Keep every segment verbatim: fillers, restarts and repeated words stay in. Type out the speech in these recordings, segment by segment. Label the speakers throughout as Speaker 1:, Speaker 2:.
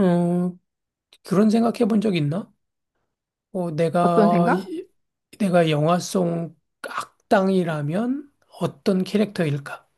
Speaker 1: 음, 그런 생각해 본 적 있나? 어,
Speaker 2: 어떤
Speaker 1: 내가,
Speaker 2: 생각?
Speaker 1: 이- 내가 영화 속 악당이라면 어떤 캐릭터일까?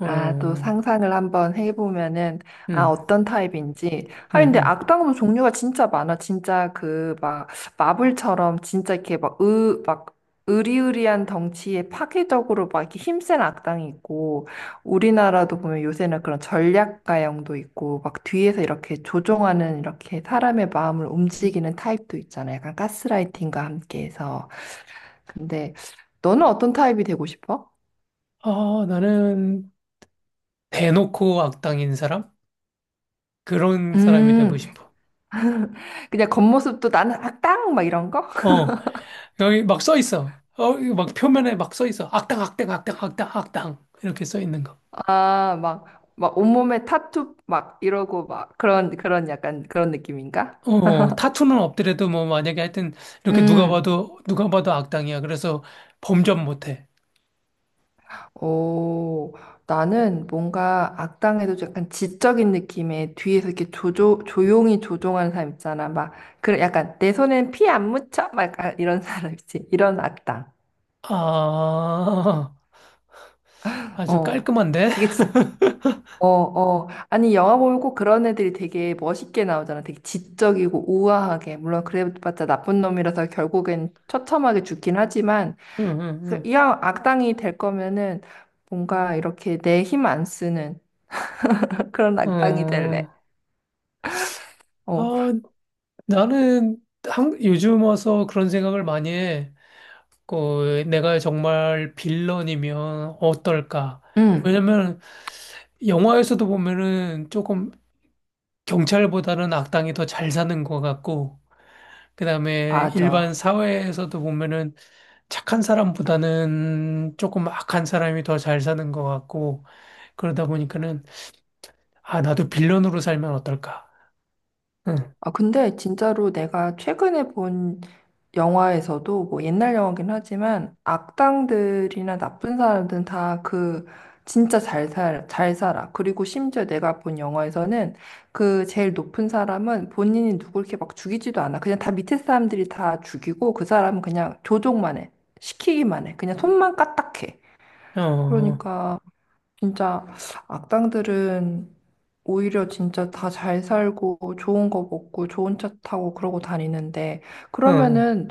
Speaker 1: 어,
Speaker 2: 아, 또
Speaker 1: 음,
Speaker 2: 상상을 한번 해보면은, 아, 어떤 타입인지.
Speaker 1: 음,
Speaker 2: 아, 근데
Speaker 1: 음.
Speaker 2: 악당도 종류가 진짜 많아. 진짜 그, 막, 마블처럼 진짜 이렇게 막, 으, 막, 으리으리한 덩치에 파괴적으로 막 이렇게 힘센 악당이 있고, 우리나라도 보면 요새는 그런 전략가형도 있고, 막 뒤에서 이렇게 조종하는 이렇게 사람의 마음을 움직이는 타입도 있잖아. 약간 가스라이팅과 함께해서. 근데 너는 어떤 타입이 되고 싶어?
Speaker 1: 아, 나는 대놓고 악당인 사람? 그런 사람이 되고
Speaker 2: 음,
Speaker 1: 싶어.
Speaker 2: 그냥 겉모습도 나는 악당 막 이런 거?
Speaker 1: 어, 여기 막 써 있어. 어, 이거 막 표면에 막 써 있어. 악당, 악당, 악당, 악당, 악당. 이렇게 써 있는 거.
Speaker 2: 아, 막, 막 온몸에 타투 막 이러고 막 그런, 그런 약간 그런 느낌인가?
Speaker 1: 어, 타투는 없더라도 뭐 만약에 하여튼 이렇게 누가
Speaker 2: 음,
Speaker 1: 봐도, 누가 봐도 악당이야. 그래서 범접 못 해.
Speaker 2: 오, 나는 뭔가 악당에도 약간 지적인 느낌의 뒤에서 이렇게 조조, 조용히 조종하는 사람 있잖아. 막, 그런 약간 내 손엔 피 안 묻혀? 막 약간 이런 사람 있지. 이런 악당.
Speaker 1: 아, 아주
Speaker 2: 어,
Speaker 1: 깔끔한데?
Speaker 2: 그게 진, 어, 어. 아니, 영화 보면 꼭 그런 애들이 되게 멋있게 나오잖아. 되게 지적이고 우아하게. 물론 그래봤자 나쁜 놈이라서 결국엔 처참하게 죽긴 하지만,
Speaker 1: 응,
Speaker 2: 그,
Speaker 1: 응,
Speaker 2: 이왕 악당이 될 거면은 뭔가 이렇게 내 힘 안 쓰는 그런
Speaker 1: 응.
Speaker 2: 악당이 될래.
Speaker 1: 어,
Speaker 2: 어,
Speaker 1: 아, 나는 한, 요즘 와서 그런 생각을 많이 해. 그, 내가 정말 빌런이면 어떨까?
Speaker 2: 응,
Speaker 1: 왜냐면 영화에서도 보면은 조금 경찰보다는 악당이 더 잘 사는 것 같고, 그다음에 일반
Speaker 2: 맞아.
Speaker 1: 사회에서도 보면은 착한 사람보다는 조금 악한 사람이 더 잘 사는 것 같고, 그러다 보니까는 아, 나도 빌런으로 살면 어떨까? 응,
Speaker 2: 아, 근데 진짜로 내가 최근에 본 영화에서도 뭐 옛날 영화긴 하지만 악당들이나 나쁜 사람들은 다 그 진짜 잘 살, 잘 살아. 그리고 심지어 내가 본 영화에서는 그 제일 높은 사람은 본인이 누굴 이렇게 막 죽이지도 않아. 그냥 다 밑에 사람들이 다 죽이고 그 사람은 그냥 조종만 해. 시키기만 해. 그냥 손만 까딱해.
Speaker 1: 어, 어,
Speaker 2: 그러니까 진짜 악당들은 오히려 진짜 다 잘 살고 좋은 거 먹고 좋은 차 타고 그러고 다니는데
Speaker 1: 어,
Speaker 2: 그러면은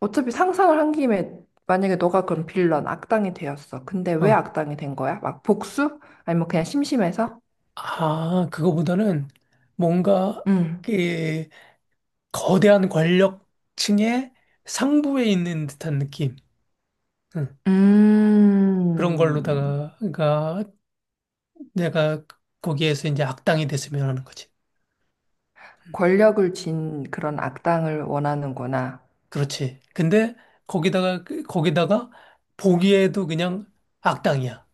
Speaker 2: 어차피 상상을 한 김에 만약에 너가 그럼 빌런 악당이 되었어. 근데 왜
Speaker 1: 어.
Speaker 2: 악당이 된 거야? 막 복수? 아니면 그냥 심심해서?
Speaker 1: 아, 그거보다는 뭔가
Speaker 2: 음.
Speaker 1: 그 거대한 권력층의 상부에 있는 듯한 느낌. 응. 그런
Speaker 2: 음,
Speaker 1: 걸로다가 가 내가 거기에서 이제 악당이 됐으면 하는 거지.
Speaker 2: 권력을 쥔 그런 악당을 원하는구나.
Speaker 1: 그렇지. 근데 거기다가 그- 거기다가 보기에도 그냥 악당이야.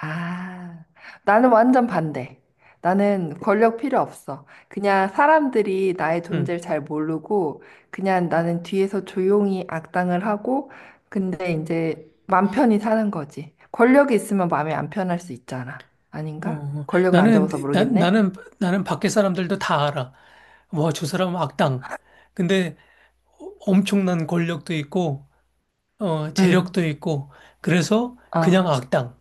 Speaker 2: 아, 나는 완전 반대. 나는 권력 필요 없어. 그냥 사람들이 나의
Speaker 1: 응.
Speaker 2: 존재를 잘 모르고, 그냥 나는 뒤에서 조용히 악당을 하고, 근데 이제 맘 편히 사는 거지. 권력이 있으면 마음이 안 편할 수 있잖아.
Speaker 1: 어,
Speaker 2: 아닌가?
Speaker 1: 어.
Speaker 2: 권력을 안
Speaker 1: 나는
Speaker 2: 줘봐서
Speaker 1: 나,
Speaker 2: 모르겠네.
Speaker 1: 나는 나는 밖에 사람들도 다 알아. 와, 저 사람은 악당. 근데 엄청난 권력도 있고, 어,
Speaker 2: 응,
Speaker 1: 재력도 있고, 그래서
Speaker 2: 어.
Speaker 1: 그냥 악당.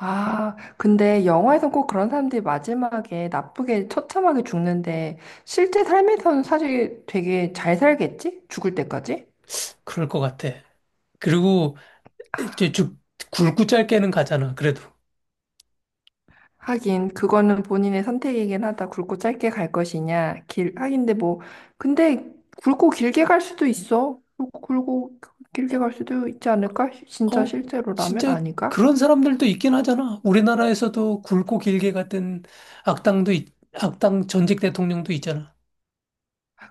Speaker 2: 아, 근데 영화에서 꼭 그런 사람들이 마지막에 나쁘게 처참하게 죽는데, 실제 삶에서는 사실 되게 잘 살겠지? 죽을 때까지?
Speaker 1: 그럴 것 같아. 그리고 이제 쭉 굵고 짧게는 가잖아, 그래도.
Speaker 2: 하긴 그거는 본인의 선택이긴 하다. 굵고 짧게 갈 것이냐. 길 하긴데 뭐 근데 굵고 길게 갈 수도 있어. 굵고 길게 갈 수도 있지 않을까? 진짜
Speaker 1: 어,
Speaker 2: 실제로라면
Speaker 1: 진짜
Speaker 2: 아닌가?
Speaker 1: 그런 사람들도 있긴 하잖아. 우리나라에서도 굵고 길게 갔던 악당도, 있- 악당 전직 대통령도 있잖아.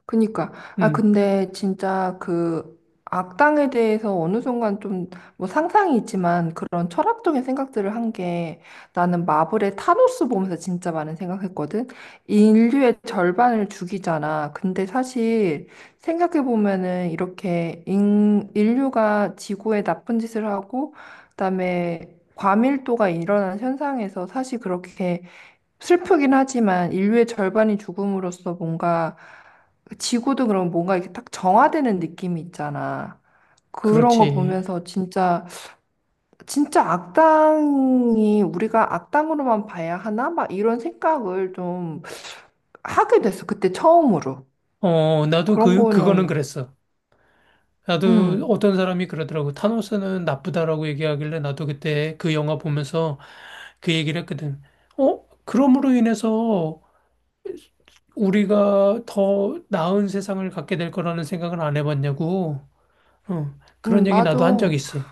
Speaker 2: 그니까. 아,
Speaker 1: 음,
Speaker 2: 근데 진짜 그 악당에 대해서 어느 순간 좀 뭐 상상이 있지만 그런 철학적인 생각들을 한 게 나는 마블의 타노스 보면서 진짜 많은 생각했거든. 인류의 절반을 죽이잖아. 근데 사실 생각해보면은 이렇게 인, 인류가 지구에 나쁜 짓을 하고 그다음에 과밀도가 일어나는 현상에서 사실 그렇게 슬프긴 하지만 인류의 절반이 죽음으로써 뭔가 지구도 그럼 뭔가 이렇게 딱 정화되는 느낌이 있잖아. 그런 거
Speaker 1: 그렇지.
Speaker 2: 보면서 진짜 진짜 악당이 우리가 악당으로만 봐야 하나? 막 이런 생각을 좀 하게 됐어. 그때 처음으로.
Speaker 1: 어, 나도
Speaker 2: 그런
Speaker 1: 그, 그거는
Speaker 2: 거는
Speaker 1: 그랬어. 나도
Speaker 2: 음.
Speaker 1: 어떤 사람이 그러더라고. 타노스는 나쁘다라고 얘기하길래 나도 그때 그 영화 보면서 그 얘기를 했거든. 어? 그럼으로 인해서 우리가 더 나은 세상을 갖게 될 거라는 생각을 안 해봤냐고. 어, 그런
Speaker 2: 음,
Speaker 1: 얘기
Speaker 2: 맞아.
Speaker 1: 나도 한 적 있어.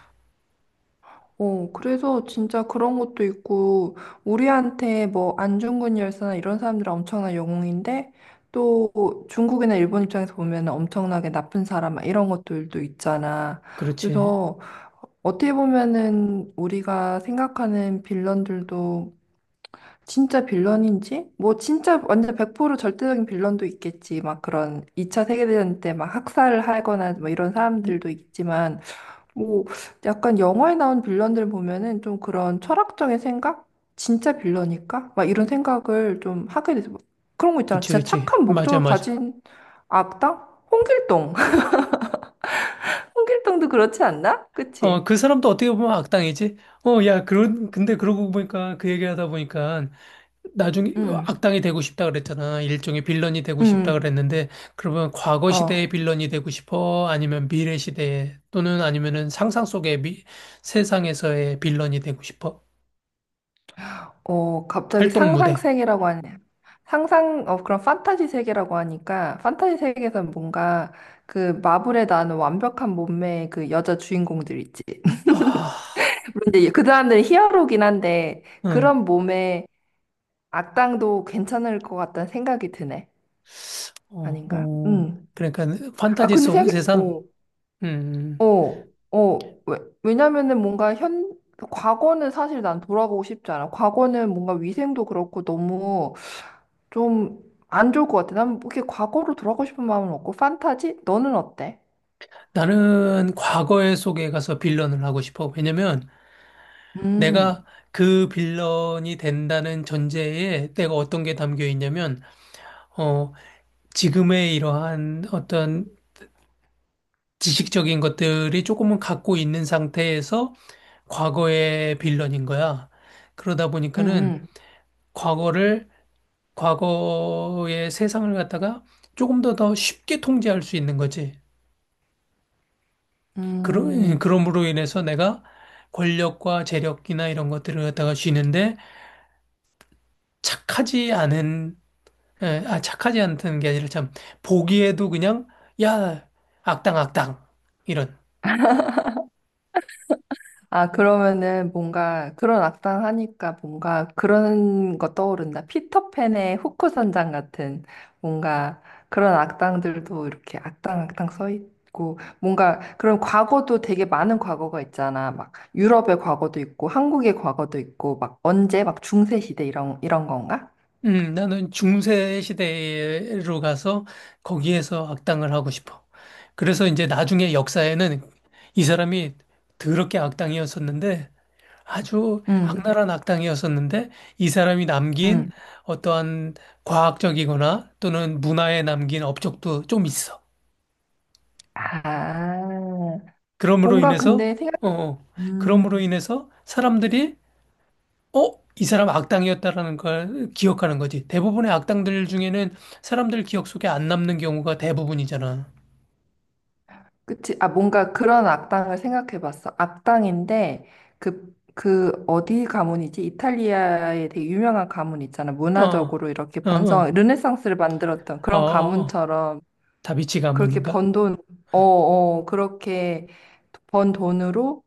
Speaker 2: 어, 그래서 진짜 그런 것도 있고, 우리한테 뭐 안중근 열사나 이런 사람들은 엄청난 영웅인데, 또 중국이나 일본 입장에서 보면 엄청나게 나쁜 사람, 막 이런 것들도 있잖아.
Speaker 1: 그렇지.
Speaker 2: 그래서 어떻게 보면은 우리가 생각하는 빌런들도 진짜 빌런인지? 뭐 진짜 완전 백 퍼센트 절대적인 빌런도 있겠지. 막 그런 이 차 세계대전 때 막 학살을 하거나 뭐 이런
Speaker 1: 응,
Speaker 2: 사람들도 있지만, 뭐 약간 영화에 나온 빌런들 보면은 좀 그런 철학적인 생각? 진짜 빌런일까? 막 이런 생각을 좀 하게 돼서 막 그런 거 있잖아.
Speaker 1: 그치,
Speaker 2: 진짜
Speaker 1: 그치.
Speaker 2: 착한
Speaker 1: 맞아,
Speaker 2: 목적을
Speaker 1: 맞아.
Speaker 2: 가진 악당? 홍길동. 홍길동도 그렇지 않나?
Speaker 1: 어,
Speaker 2: 그치?
Speaker 1: 그 사람도 어떻게 보면 악당이지? 어, 야, 그런, 근데 그러고 보니까 그 얘기하다 보니까 나중에
Speaker 2: 응.
Speaker 1: 악당이 되고 싶다 그랬잖아. 일종의 빌런이 되고 싶다
Speaker 2: 응.
Speaker 1: 그랬는데, 그러면 과거 시대의
Speaker 2: 어.
Speaker 1: 빌런이 되고 싶어? 아니면 미래 시대에, 또는 아니면은 상상 속의 미, 세상에서의 빌런이 되고 싶어?
Speaker 2: 어, 갑자기
Speaker 1: 활동
Speaker 2: 상상
Speaker 1: 무대.
Speaker 2: 세계라고 하네. 상상 어 그런 판타지 세계라고 하니까 판타지 세계에서 뭔가 그 마블에 나오는 완벽한 몸매의 그 여자 주인공들 있지.
Speaker 1: 아,
Speaker 2: 근데 그 사람들은 히어로긴 한데
Speaker 1: 응,
Speaker 2: 그런 몸에 악당도 괜찮을 것 같다는 생각이 드네.
Speaker 1: 어,
Speaker 2: 아닌가?
Speaker 1: 어.
Speaker 2: 음.
Speaker 1: 그러니까
Speaker 2: 아
Speaker 1: 판타지
Speaker 2: 근데
Speaker 1: 속
Speaker 2: 생각,
Speaker 1: 세상?
Speaker 2: 어,
Speaker 1: 음,
Speaker 2: 어, 어. 왜, 왜냐면은 뭔가 현 과거는 사실 난 돌아가고 싶지 않아. 과거는 뭔가 위생도 그렇고 너무 좀 안 좋을 것 같아. 난 이렇게 과거로 돌아가고 싶은 마음은 없고 판타지? 너는 어때?
Speaker 1: 나는 과거의 속에 가서 빌런을 하고 싶어. 왜냐면 내가
Speaker 2: 음,
Speaker 1: 그 빌런이 된다는 전제에 내가 어떤 게 담겨 있냐면, 어, 지금의 이러한 어떤 지식적인 것들이 조금은 갖고 있는 상태에서 과거의 빌런인 거야. 그러다
Speaker 2: 음,
Speaker 1: 보니까는
Speaker 2: 음,
Speaker 1: 과거를, 과거의 세상을 갖다가 조금 더 더 쉽게 통제할 수 있는 거지. 그러, 그
Speaker 2: 음.
Speaker 1: 럼으로 인해서 내가 권력과 재력이나 이런 것들을 갖다가 쥐는데 착하지 않은, 에, 아, 착하지 않다는 게 아니라 참, 보기에도 그냥, 야, 악당, 악당. 이런.
Speaker 2: 아, 그러면은 뭔가 그런 악당 하니까 뭔가 그런 거 떠오른다. 피터팬의 후크 선장 같은 뭔가 그런 악당들도 이렇게 악당 악당 서 있고 뭔가 그런 과거도 되게 많은 과거가 있잖아. 막 유럽의 과거도 있고 한국의 과거도 있고 막 언제 막 중세 시대 이런 이런 건가?
Speaker 1: 음, 나는 중세 시대로 가서 거기에서 악당을 하고 싶어. 그래서 이제 나중에 역사에는 이 사람이 더럽게 악당이었었는데 아주
Speaker 2: 응,
Speaker 1: 악랄한 악당이었었는데 이 사람이 남긴
Speaker 2: 응.
Speaker 1: 어떠한 과학적이거나 또는 문화에 남긴 업적도 좀 있어.
Speaker 2: 아,
Speaker 1: 그러므로
Speaker 2: 뭔가
Speaker 1: 인해서
Speaker 2: 근데 생각해
Speaker 1: 어, 어. 그러므로 인해서 사람들이 어? 이 사람 악당이었다라는 걸 기억하는 거지. 대부분의 악당들 중에는 사람들 기억 속에 안 남는 경우가 대부분이잖아.
Speaker 2: 그치? 아, 뭔가 그런 악당을 생각해 봤어. 악당인데, 그, 그, 어디 가문이지? 이탈리아에 되게 유명한 가문 있잖아.
Speaker 1: 어, 어,
Speaker 2: 문화적으로 이렇게 번성한,
Speaker 1: 어,
Speaker 2: 르네상스를 만들었던
Speaker 1: 어, 어.
Speaker 2: 그런
Speaker 1: 어.
Speaker 2: 가문처럼
Speaker 1: 다비치
Speaker 2: 그렇게
Speaker 1: 가문인가?
Speaker 2: 번 돈, 어, 어, 그렇게 번 돈으로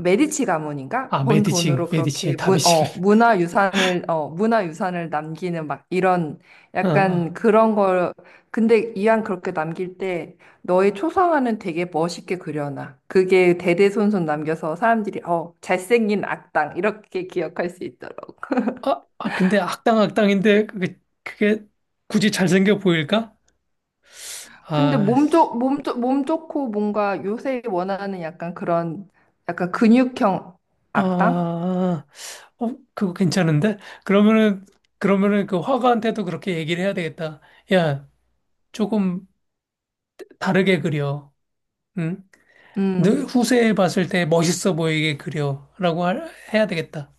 Speaker 2: 메디치 가문인가?
Speaker 1: 아,
Speaker 2: 번
Speaker 1: 메디치,
Speaker 2: 돈으로 그렇게
Speaker 1: 메디치,
Speaker 2: 문,
Speaker 1: 다비치를.
Speaker 2: 어, 문화유산을 어, 문화유산을 남기는 막 이런
Speaker 1: 어, 어.
Speaker 2: 약간 그런 걸 근데 이왕 그렇게 남길 때 너의 초상화는 되게 멋있게 그려놔. 그게 대대손손 남겨서 사람들이 어, 잘생긴 악당 이렇게 기억할 수 있더라고.
Speaker 1: 아, 아, 근데 악당 악당인데 그게, 그게 굳이 잘생겨 보일까?
Speaker 2: 근데
Speaker 1: 아,
Speaker 2: 몸
Speaker 1: 씨.
Speaker 2: 좋, 몸 좋, 몸 좋고 뭔가 요새 원하는 약간 그런 약간 근육형
Speaker 1: 아,
Speaker 2: 악당?
Speaker 1: 어, 그거 괜찮은데? 그러면은, 그러면은 그 화가한테도 그렇게 얘기를 해야 되겠다. 야, 조금 다르게 그려. 응? 늘
Speaker 2: 음.
Speaker 1: 후세에 봤을 때 멋있어 보이게 그려라고 할- 해야 되겠다.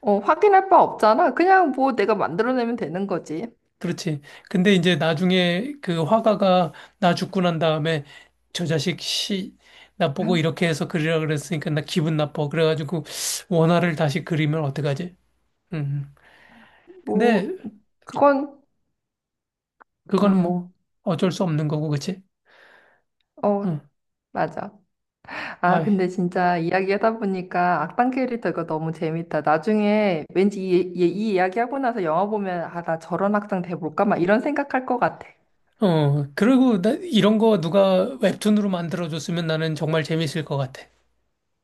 Speaker 2: 어, 확인할 바 없잖아. 그냥 뭐 내가 만들어내면 되는 거지.
Speaker 1: 그렇지. 근데 이제 나중에 그 화가가 나 죽고 난 다음에 저 자식 씨, 나 보고 이렇게 해서 그리라 그랬으니까 나 기분 나빠. 그래가지고 원화를 다시 그리면 어떡하지? 음. 근데
Speaker 2: 뭐, 그건,
Speaker 1: 그거는 뭐
Speaker 2: 음,
Speaker 1: 어쩔 수 없는 거고, 그치?
Speaker 2: 어,
Speaker 1: 응.
Speaker 2: 맞아. 아,
Speaker 1: 아이.
Speaker 2: 근데 진짜 이야기하다 보니까 악당 캐릭터가 너무 재밌다. 나중에 왠지 이, 이, 이 이야기하고 나서 영화 보면, 아, 나 저런 악당 돼볼까? 막 이런 생각할 것 같아.
Speaker 1: 어. 그리고 나 이런 거 누가 웹툰으로 만들어줬으면 나는 정말 재밌을 것 같아.